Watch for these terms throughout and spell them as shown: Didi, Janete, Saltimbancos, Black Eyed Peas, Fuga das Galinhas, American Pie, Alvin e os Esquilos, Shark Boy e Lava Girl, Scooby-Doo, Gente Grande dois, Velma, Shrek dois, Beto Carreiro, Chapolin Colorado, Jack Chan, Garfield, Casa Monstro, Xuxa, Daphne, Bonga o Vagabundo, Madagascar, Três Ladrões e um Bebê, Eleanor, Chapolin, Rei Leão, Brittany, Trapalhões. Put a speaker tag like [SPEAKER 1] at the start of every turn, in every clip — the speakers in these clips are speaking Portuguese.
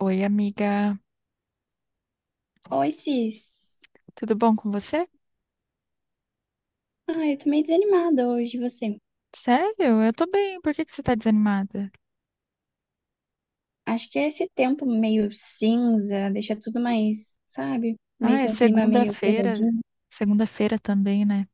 [SPEAKER 1] Oi, amiga.
[SPEAKER 2] Oi, Cis.
[SPEAKER 1] Tudo bom com você?
[SPEAKER 2] Ah, eu tô meio desanimada hoje, você.
[SPEAKER 1] Sério? Eu tô bem. Por que que você tá desanimada?
[SPEAKER 2] Acho que é esse tempo meio cinza deixa tudo mais, sabe? Meio
[SPEAKER 1] Ah, é
[SPEAKER 2] com um clima meio
[SPEAKER 1] segunda-feira.
[SPEAKER 2] pesadinho.
[SPEAKER 1] Segunda-feira também, né?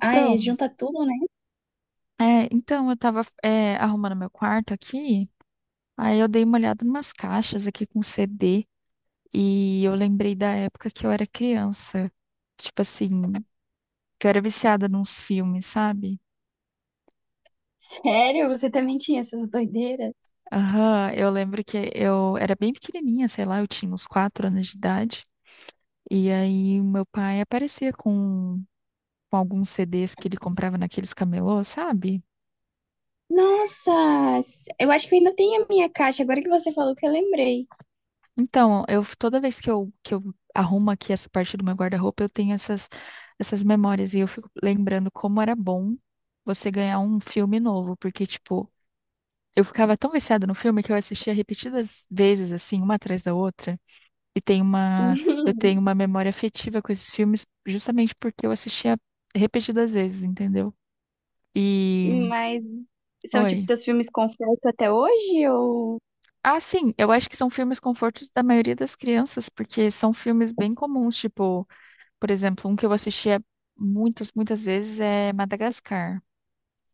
[SPEAKER 2] Ah, é, junta tudo, né?
[SPEAKER 1] então eu tava, arrumando meu quarto aqui. Aí eu dei uma olhada numas caixas aqui com CD e eu lembrei da época que eu era criança. Tipo assim, que eu era viciada nos filmes, sabe?
[SPEAKER 2] Sério? Você também tinha essas doideiras?
[SPEAKER 1] Aham, eu lembro que eu era bem pequenininha, sei lá, eu tinha uns 4 anos de idade. E aí meu pai aparecia com alguns CDs que ele comprava naqueles camelô, sabe?
[SPEAKER 2] Nossa! Eu acho que eu ainda tenho a minha caixa, agora que você falou que eu lembrei.
[SPEAKER 1] Então, eu toda vez que eu arrumo aqui essa parte do meu guarda-roupa, eu tenho essas memórias e eu fico lembrando como era bom você ganhar um filme novo, porque, tipo, eu ficava tão viciada no filme que eu assistia repetidas vezes, assim, uma atrás da outra. E tem uma, eu tenho uma memória afetiva com esses filmes justamente porque eu assistia repetidas vezes, entendeu? E,
[SPEAKER 2] Mas são tipo
[SPEAKER 1] oi.
[SPEAKER 2] teus filmes conforto até hoje? Ou.
[SPEAKER 1] Ah, sim, eu acho que são filmes confortos da maioria das crianças, porque são filmes bem comuns, tipo, por exemplo, um que eu assistia muitas, muitas vezes é Madagascar.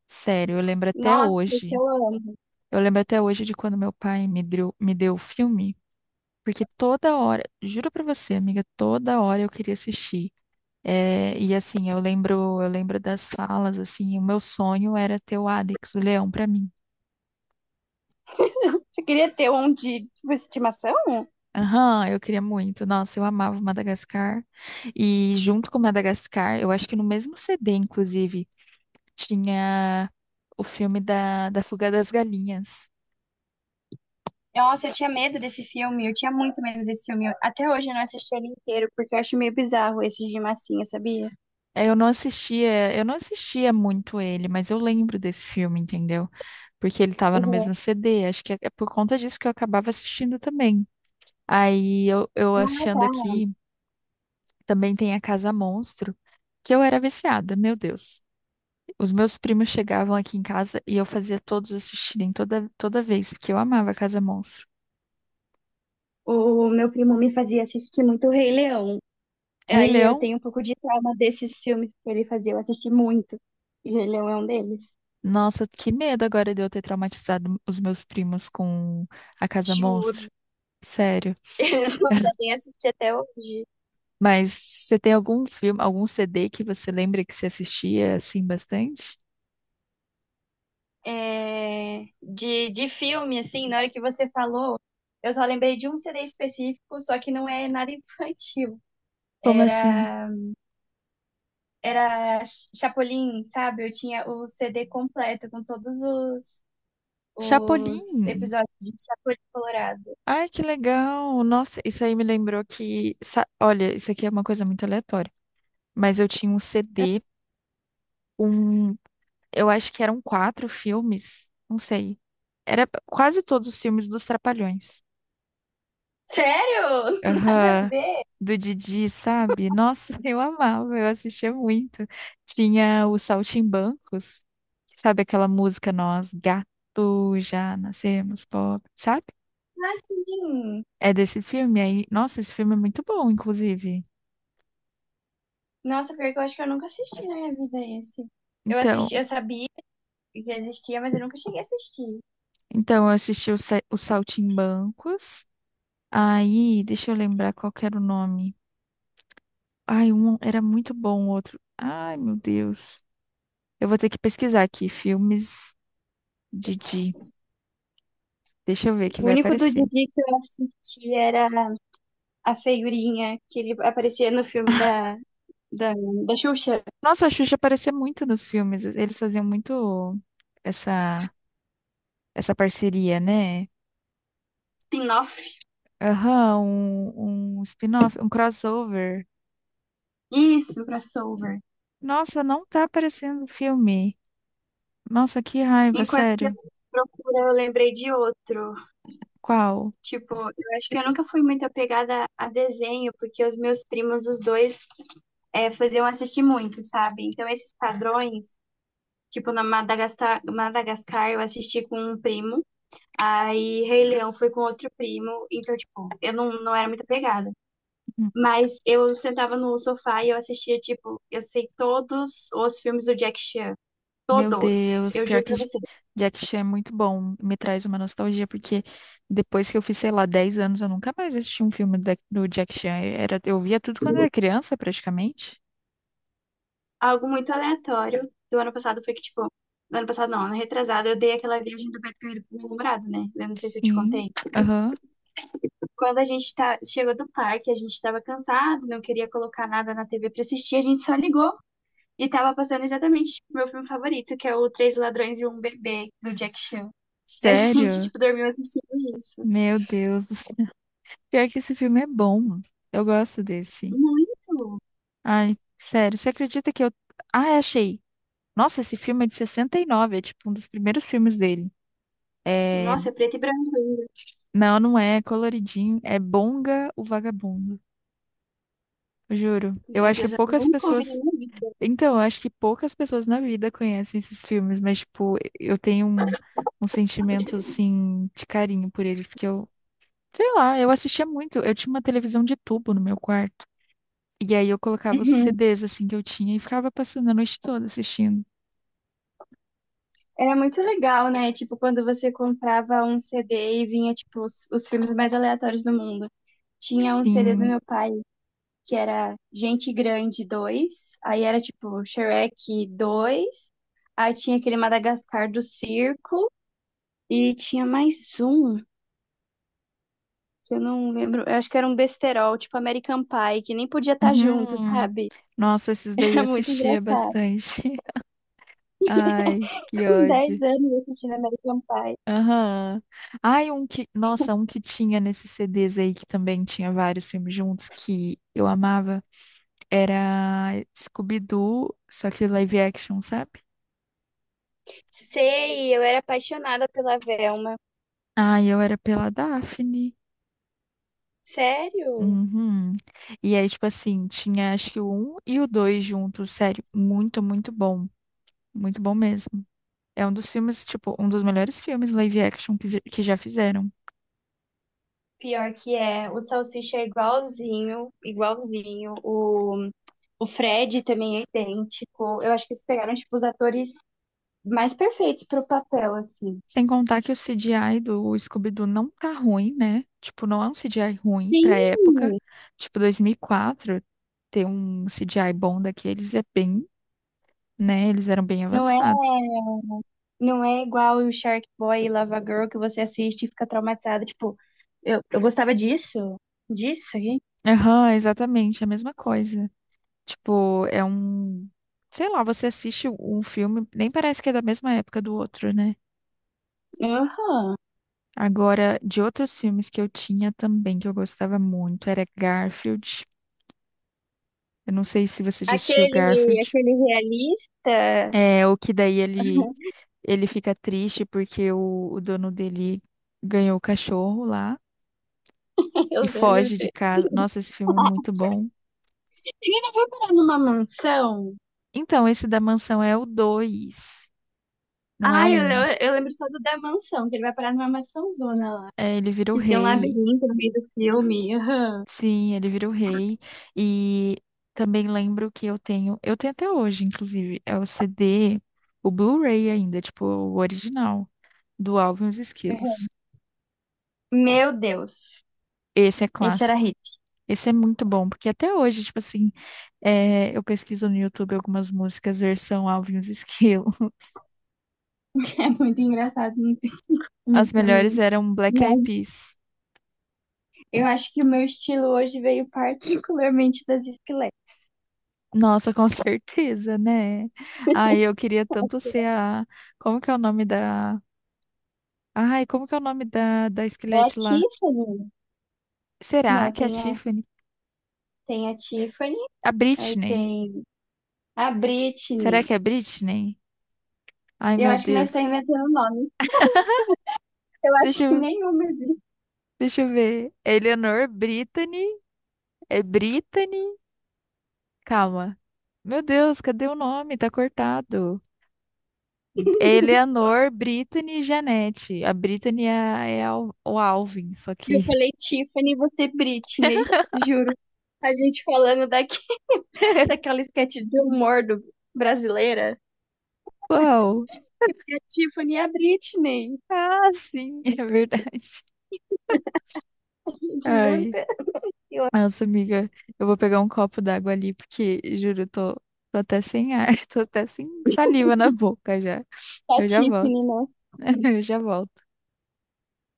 [SPEAKER 1] Sério, eu lembro até
[SPEAKER 2] Nossa, esse
[SPEAKER 1] hoje.
[SPEAKER 2] eu amo.
[SPEAKER 1] Eu lembro até hoje de quando meu pai me deu o filme, porque toda hora, juro pra você, amiga, toda hora eu queria assistir. É, e assim, eu lembro das falas, assim, o meu sonho era ter o Alex, o leão, pra mim.
[SPEAKER 2] Você queria ter um de tipo, estimação?
[SPEAKER 1] Aham, eu queria muito. Nossa, eu amava Madagascar. E junto com Madagascar, eu acho que no mesmo CD, inclusive, tinha o filme da Fuga das Galinhas.
[SPEAKER 2] Nossa, eu tinha medo desse filme, eu tinha muito medo desse filme. Eu- até hoje eu não assisti ele inteiro, porque eu acho meio bizarro esses de massinha, sabia?
[SPEAKER 1] É, eu não assistia muito ele, mas eu lembro desse filme, entendeu? Porque ele tava no
[SPEAKER 2] Uhum.
[SPEAKER 1] mesmo CD. Acho que é por conta disso que eu acabava assistindo também. Aí eu achando aqui, também tem a Casa Monstro, que eu era viciada, meu Deus. Os meus primos chegavam aqui em casa e eu fazia todos assistirem toda vez, porque eu amava Casa Monstro.
[SPEAKER 2] O meu primo me fazia assistir muito o Rei Leão.
[SPEAKER 1] Rei
[SPEAKER 2] Aí eu
[SPEAKER 1] Leão,
[SPEAKER 2] tenho um pouco de trauma desses filmes que ele fazia, eu assisti muito. E o Rei Leão é um deles.
[SPEAKER 1] nossa, que medo agora de eu ter traumatizado os meus primos com a Casa Monstro.
[SPEAKER 2] Juro.
[SPEAKER 1] Sério.
[SPEAKER 2] Eles não devem assistir até hoje.
[SPEAKER 1] Mas você tem algum filme, algum CD que você lembra que você assistia assim bastante?
[SPEAKER 2] É, de filme, assim, na hora que você falou, eu só lembrei de um CD específico, só que não é nada infantil.
[SPEAKER 1] Como assim?
[SPEAKER 2] Era era Chapolin, sabe? Eu tinha o CD completo com todos os
[SPEAKER 1] Chapolin.
[SPEAKER 2] episódios de Chapolin Colorado.
[SPEAKER 1] Ai, que legal. Nossa, isso aí me lembrou que, olha, isso aqui é uma coisa muito aleatória, mas eu tinha um CD, eu acho que eram quatro filmes, não sei. Era quase todos os filmes dos Trapalhões.
[SPEAKER 2] Sério? Nada a
[SPEAKER 1] Aham.
[SPEAKER 2] ver.
[SPEAKER 1] Do Didi, sabe? Nossa, eu amava, eu assistia muito. Tinha o Saltimbancos, sabe aquela música Nós, gato, já nascemos pobre, sabe?
[SPEAKER 2] Mas sim.
[SPEAKER 1] É desse filme aí. Nossa, esse filme é muito bom, inclusive.
[SPEAKER 2] Nossa, pior que eu acho que eu nunca assisti na minha vida esse. Eu
[SPEAKER 1] Então,
[SPEAKER 2] assisti, eu sabia que existia, mas eu nunca cheguei a assistir.
[SPEAKER 1] então eu assisti o Saltimbancos. Aí, deixa eu lembrar qual que era o nome. Ai, um era muito bom, o outro. Ai, meu Deus. Eu vou ter que pesquisar aqui, filmes Didi. Deixa eu ver que
[SPEAKER 2] O
[SPEAKER 1] vai
[SPEAKER 2] único do
[SPEAKER 1] aparecer.
[SPEAKER 2] Didi que eu assisti era a figurinha que ele aparecia no filme da, da, da Xuxa,
[SPEAKER 1] Nossa, a Xuxa aparecia muito nos filmes. Eles faziam muito essa, essa parceria, né?
[SPEAKER 2] spin-off.
[SPEAKER 1] Aham, um spin-off, um crossover.
[SPEAKER 2] Isso, crossover.
[SPEAKER 1] Nossa, não tá aparecendo o filme. Nossa, que raiva,
[SPEAKER 2] Enquanto eu
[SPEAKER 1] sério.
[SPEAKER 2] procura, eu lembrei de outro.
[SPEAKER 1] Qual?
[SPEAKER 2] Tipo, eu acho que eu nunca fui muito apegada a desenho, porque os meus primos, os dois, é, faziam assistir muito, sabe? Então, esses padrões, tipo, na Madagascar, Madagascar eu assisti com um primo, aí Rei Leão foi com outro primo, então, tipo, eu não era muito apegada. Mas eu sentava no sofá e eu assistia, tipo, eu sei todos os filmes do Jack Chan.
[SPEAKER 1] Meu
[SPEAKER 2] Todos,
[SPEAKER 1] Deus,
[SPEAKER 2] eu
[SPEAKER 1] pior
[SPEAKER 2] juro
[SPEAKER 1] que
[SPEAKER 2] pra você.
[SPEAKER 1] Jack Chan é muito bom, me traz uma nostalgia, porque depois que eu fiz, sei lá, 10 anos, eu nunca mais assisti um filme do Jack Chan. Era, eu via tudo quando era criança, praticamente.
[SPEAKER 2] Algo muito aleatório do ano passado foi que, tipo, no ano passado não, ano retrasado, eu dei aquela viagem do Beto Carreiro pro meu namorado, né? Eu não sei se eu te
[SPEAKER 1] Sim,
[SPEAKER 2] contei.
[SPEAKER 1] aham.
[SPEAKER 2] Quando a gente tá, chegou do parque, a gente tava cansado, não queria colocar nada na TV pra assistir, a gente só ligou e tava passando exatamente o meu filme favorito, que é o Três Ladrões e um Bebê, do Jack Chan. Daí a gente,
[SPEAKER 1] Sério?
[SPEAKER 2] tipo, dormiu assistindo isso.
[SPEAKER 1] Meu Deus do céu. Pior que esse filme é bom. Eu gosto desse.
[SPEAKER 2] Muito!
[SPEAKER 1] Ai, sério, você acredita que eu. Ah, é, achei. Nossa, esse filme é de 69, é tipo um dos primeiros filmes dele. É.
[SPEAKER 2] Nossa, é preto e branco ainda.
[SPEAKER 1] Não, não é coloridinho, é Bonga o Vagabundo. Juro. Eu
[SPEAKER 2] Meu
[SPEAKER 1] acho que
[SPEAKER 2] Deus, eu
[SPEAKER 1] poucas
[SPEAKER 2] nunca ouvi na
[SPEAKER 1] pessoas.
[SPEAKER 2] minha
[SPEAKER 1] Então, eu acho que poucas pessoas na vida conhecem esses filmes, mas, tipo, eu tenho um sentimento, assim, de carinho por eles, porque eu, sei lá, eu assistia muito. Eu tinha uma televisão de tubo no meu quarto. E aí eu colocava os
[SPEAKER 2] vida.
[SPEAKER 1] CDs, assim, que eu tinha e ficava passando a noite toda assistindo.
[SPEAKER 2] Era muito legal, né? Tipo, quando você comprava um CD e vinha, tipo, os filmes mais aleatórios do mundo. Tinha um CD do
[SPEAKER 1] Sim.
[SPEAKER 2] meu pai que era Gente Grande dois. Aí era tipo Shrek dois. Aí tinha aquele Madagascar do Circo, e tinha mais um, que eu não lembro, eu acho que era um besterol, tipo American Pie, que nem podia estar junto,
[SPEAKER 1] Uhum.
[SPEAKER 2] sabe?
[SPEAKER 1] Nossa, esses daí
[SPEAKER 2] Era
[SPEAKER 1] eu
[SPEAKER 2] muito
[SPEAKER 1] assistia
[SPEAKER 2] engraçado.
[SPEAKER 1] bastante. Ai, que
[SPEAKER 2] Com
[SPEAKER 1] ódio.
[SPEAKER 2] 10 anos assistindo American Pie.
[SPEAKER 1] Aham. Ai, um que. Nossa, um que tinha nesses CDs aí que também tinha vários filmes juntos que eu amava. Era Scooby-Doo, só que live action, sabe?
[SPEAKER 2] Sei, eu era apaixonada pela Velma.
[SPEAKER 1] Ai, eu era pela Daphne.
[SPEAKER 2] Sério?
[SPEAKER 1] Uhum. E aí, tipo assim, tinha acho que o um e o dois juntos, sério. Muito, muito bom. Muito bom mesmo. É um dos filmes, tipo, um dos melhores filmes live action que já fizeram.
[SPEAKER 2] Pior que é. O salsicha é igualzinho, igualzinho. O Fred também é idêntico. Eu acho que eles pegaram, tipo, os atores mais perfeitos pro papel, assim.
[SPEAKER 1] Sem contar que o CGI do Scooby-Doo não tá ruim, né? Tipo, não é um CGI ruim
[SPEAKER 2] Sim,
[SPEAKER 1] pra época. Tipo, 2004, ter um CGI bom daqueles é bem, né? Eles eram bem
[SPEAKER 2] Não é,
[SPEAKER 1] avançados.
[SPEAKER 2] não é igual o Shark Boy e Lava Girl que você assiste e fica traumatizado. Tipo, eu gostava disso, disso aqui.
[SPEAKER 1] Aham, exatamente, a mesma coisa. Tipo, é um. Sei lá, você assiste um filme, nem parece que é da mesma época do outro, né?
[SPEAKER 2] Aham.
[SPEAKER 1] Agora, de outros filmes que eu tinha também, que eu gostava muito, era Garfield. Eu não sei se você já assistiu
[SPEAKER 2] Aquele,
[SPEAKER 1] Garfield.
[SPEAKER 2] aquele realista,
[SPEAKER 1] É, o que daí ele Ele fica triste porque o dono dele ganhou o cachorro lá
[SPEAKER 2] eu
[SPEAKER 1] e
[SPEAKER 2] lembro
[SPEAKER 1] foge de
[SPEAKER 2] dele.
[SPEAKER 1] casa. Nossa, esse filme é muito bom.
[SPEAKER 2] Ele não foi parar numa mansão?
[SPEAKER 1] Então, esse da mansão é o 2, não é o
[SPEAKER 2] Ai, eu,
[SPEAKER 1] um.
[SPEAKER 2] eu lembro só do da mansão, que ele vai parar numa mansãozona lá.
[SPEAKER 1] É, ele vira o
[SPEAKER 2] Que tem um
[SPEAKER 1] rei.
[SPEAKER 2] labirinto no meio do filme. Aham.
[SPEAKER 1] Sim, ele vira o rei. E também lembro que eu tenho até hoje, inclusive, é o CD, o Blu-ray ainda, tipo, o original do Alvin e os Esquilos.
[SPEAKER 2] Aham. Meu Deus.
[SPEAKER 1] Esse é
[SPEAKER 2] Esse era
[SPEAKER 1] clássico.
[SPEAKER 2] hit.
[SPEAKER 1] Esse é muito bom, porque até hoje, tipo assim, é, eu pesquiso no YouTube algumas músicas versão Alvin e os Esquilos.
[SPEAKER 2] É muito engraçado, não tem como
[SPEAKER 1] As
[SPEAKER 2] pra
[SPEAKER 1] melhores
[SPEAKER 2] mim.
[SPEAKER 1] eram
[SPEAKER 2] E
[SPEAKER 1] Black Eyed Peas.
[SPEAKER 2] eu acho que o meu estilo hoje veio particularmente das esqueletas.
[SPEAKER 1] Nossa, com certeza, né? Ai, eu queria tanto ser a. Como que é o nome da. Ai, como que é o nome da
[SPEAKER 2] É a
[SPEAKER 1] esquelete lá?
[SPEAKER 2] Tiffany.
[SPEAKER 1] Será
[SPEAKER 2] Não,
[SPEAKER 1] que é a Tiffany?
[SPEAKER 2] tem a Tiffany,
[SPEAKER 1] A
[SPEAKER 2] aí
[SPEAKER 1] Britney.
[SPEAKER 2] tem a Britney.
[SPEAKER 1] Será que é a Britney? Ai,
[SPEAKER 2] Eu
[SPEAKER 1] meu
[SPEAKER 2] acho que nós estamos
[SPEAKER 1] Deus.
[SPEAKER 2] inventando nome. Eu
[SPEAKER 1] Deixa
[SPEAKER 2] acho que
[SPEAKER 1] eu,
[SPEAKER 2] nenhuma é.
[SPEAKER 1] deixa eu ver. Eleanor Britney? É Britney? Calma. Meu Deus, cadê o nome? Tá cortado. Eleanor, Brittany e Janete. A Brittany é o Alvin, só
[SPEAKER 2] Eu
[SPEAKER 1] que.
[SPEAKER 2] falei Tiffany e você Britney, juro. A gente falando daqui, daquela sketch de humor do, brasileira.
[SPEAKER 1] Uau!
[SPEAKER 2] A Tiffany e a Britney.
[SPEAKER 1] Ah, sim, é verdade.
[SPEAKER 2] A gente
[SPEAKER 1] Ai,
[SPEAKER 2] inventa. Eu acho
[SPEAKER 1] nossa, amiga, eu vou pegar um copo d'água ali, porque, juro, eu tô até sem ar, tô até sem saliva na boca já.
[SPEAKER 2] que a
[SPEAKER 1] Eu já volto.
[SPEAKER 2] Tiffany, né?
[SPEAKER 1] Eu já volto.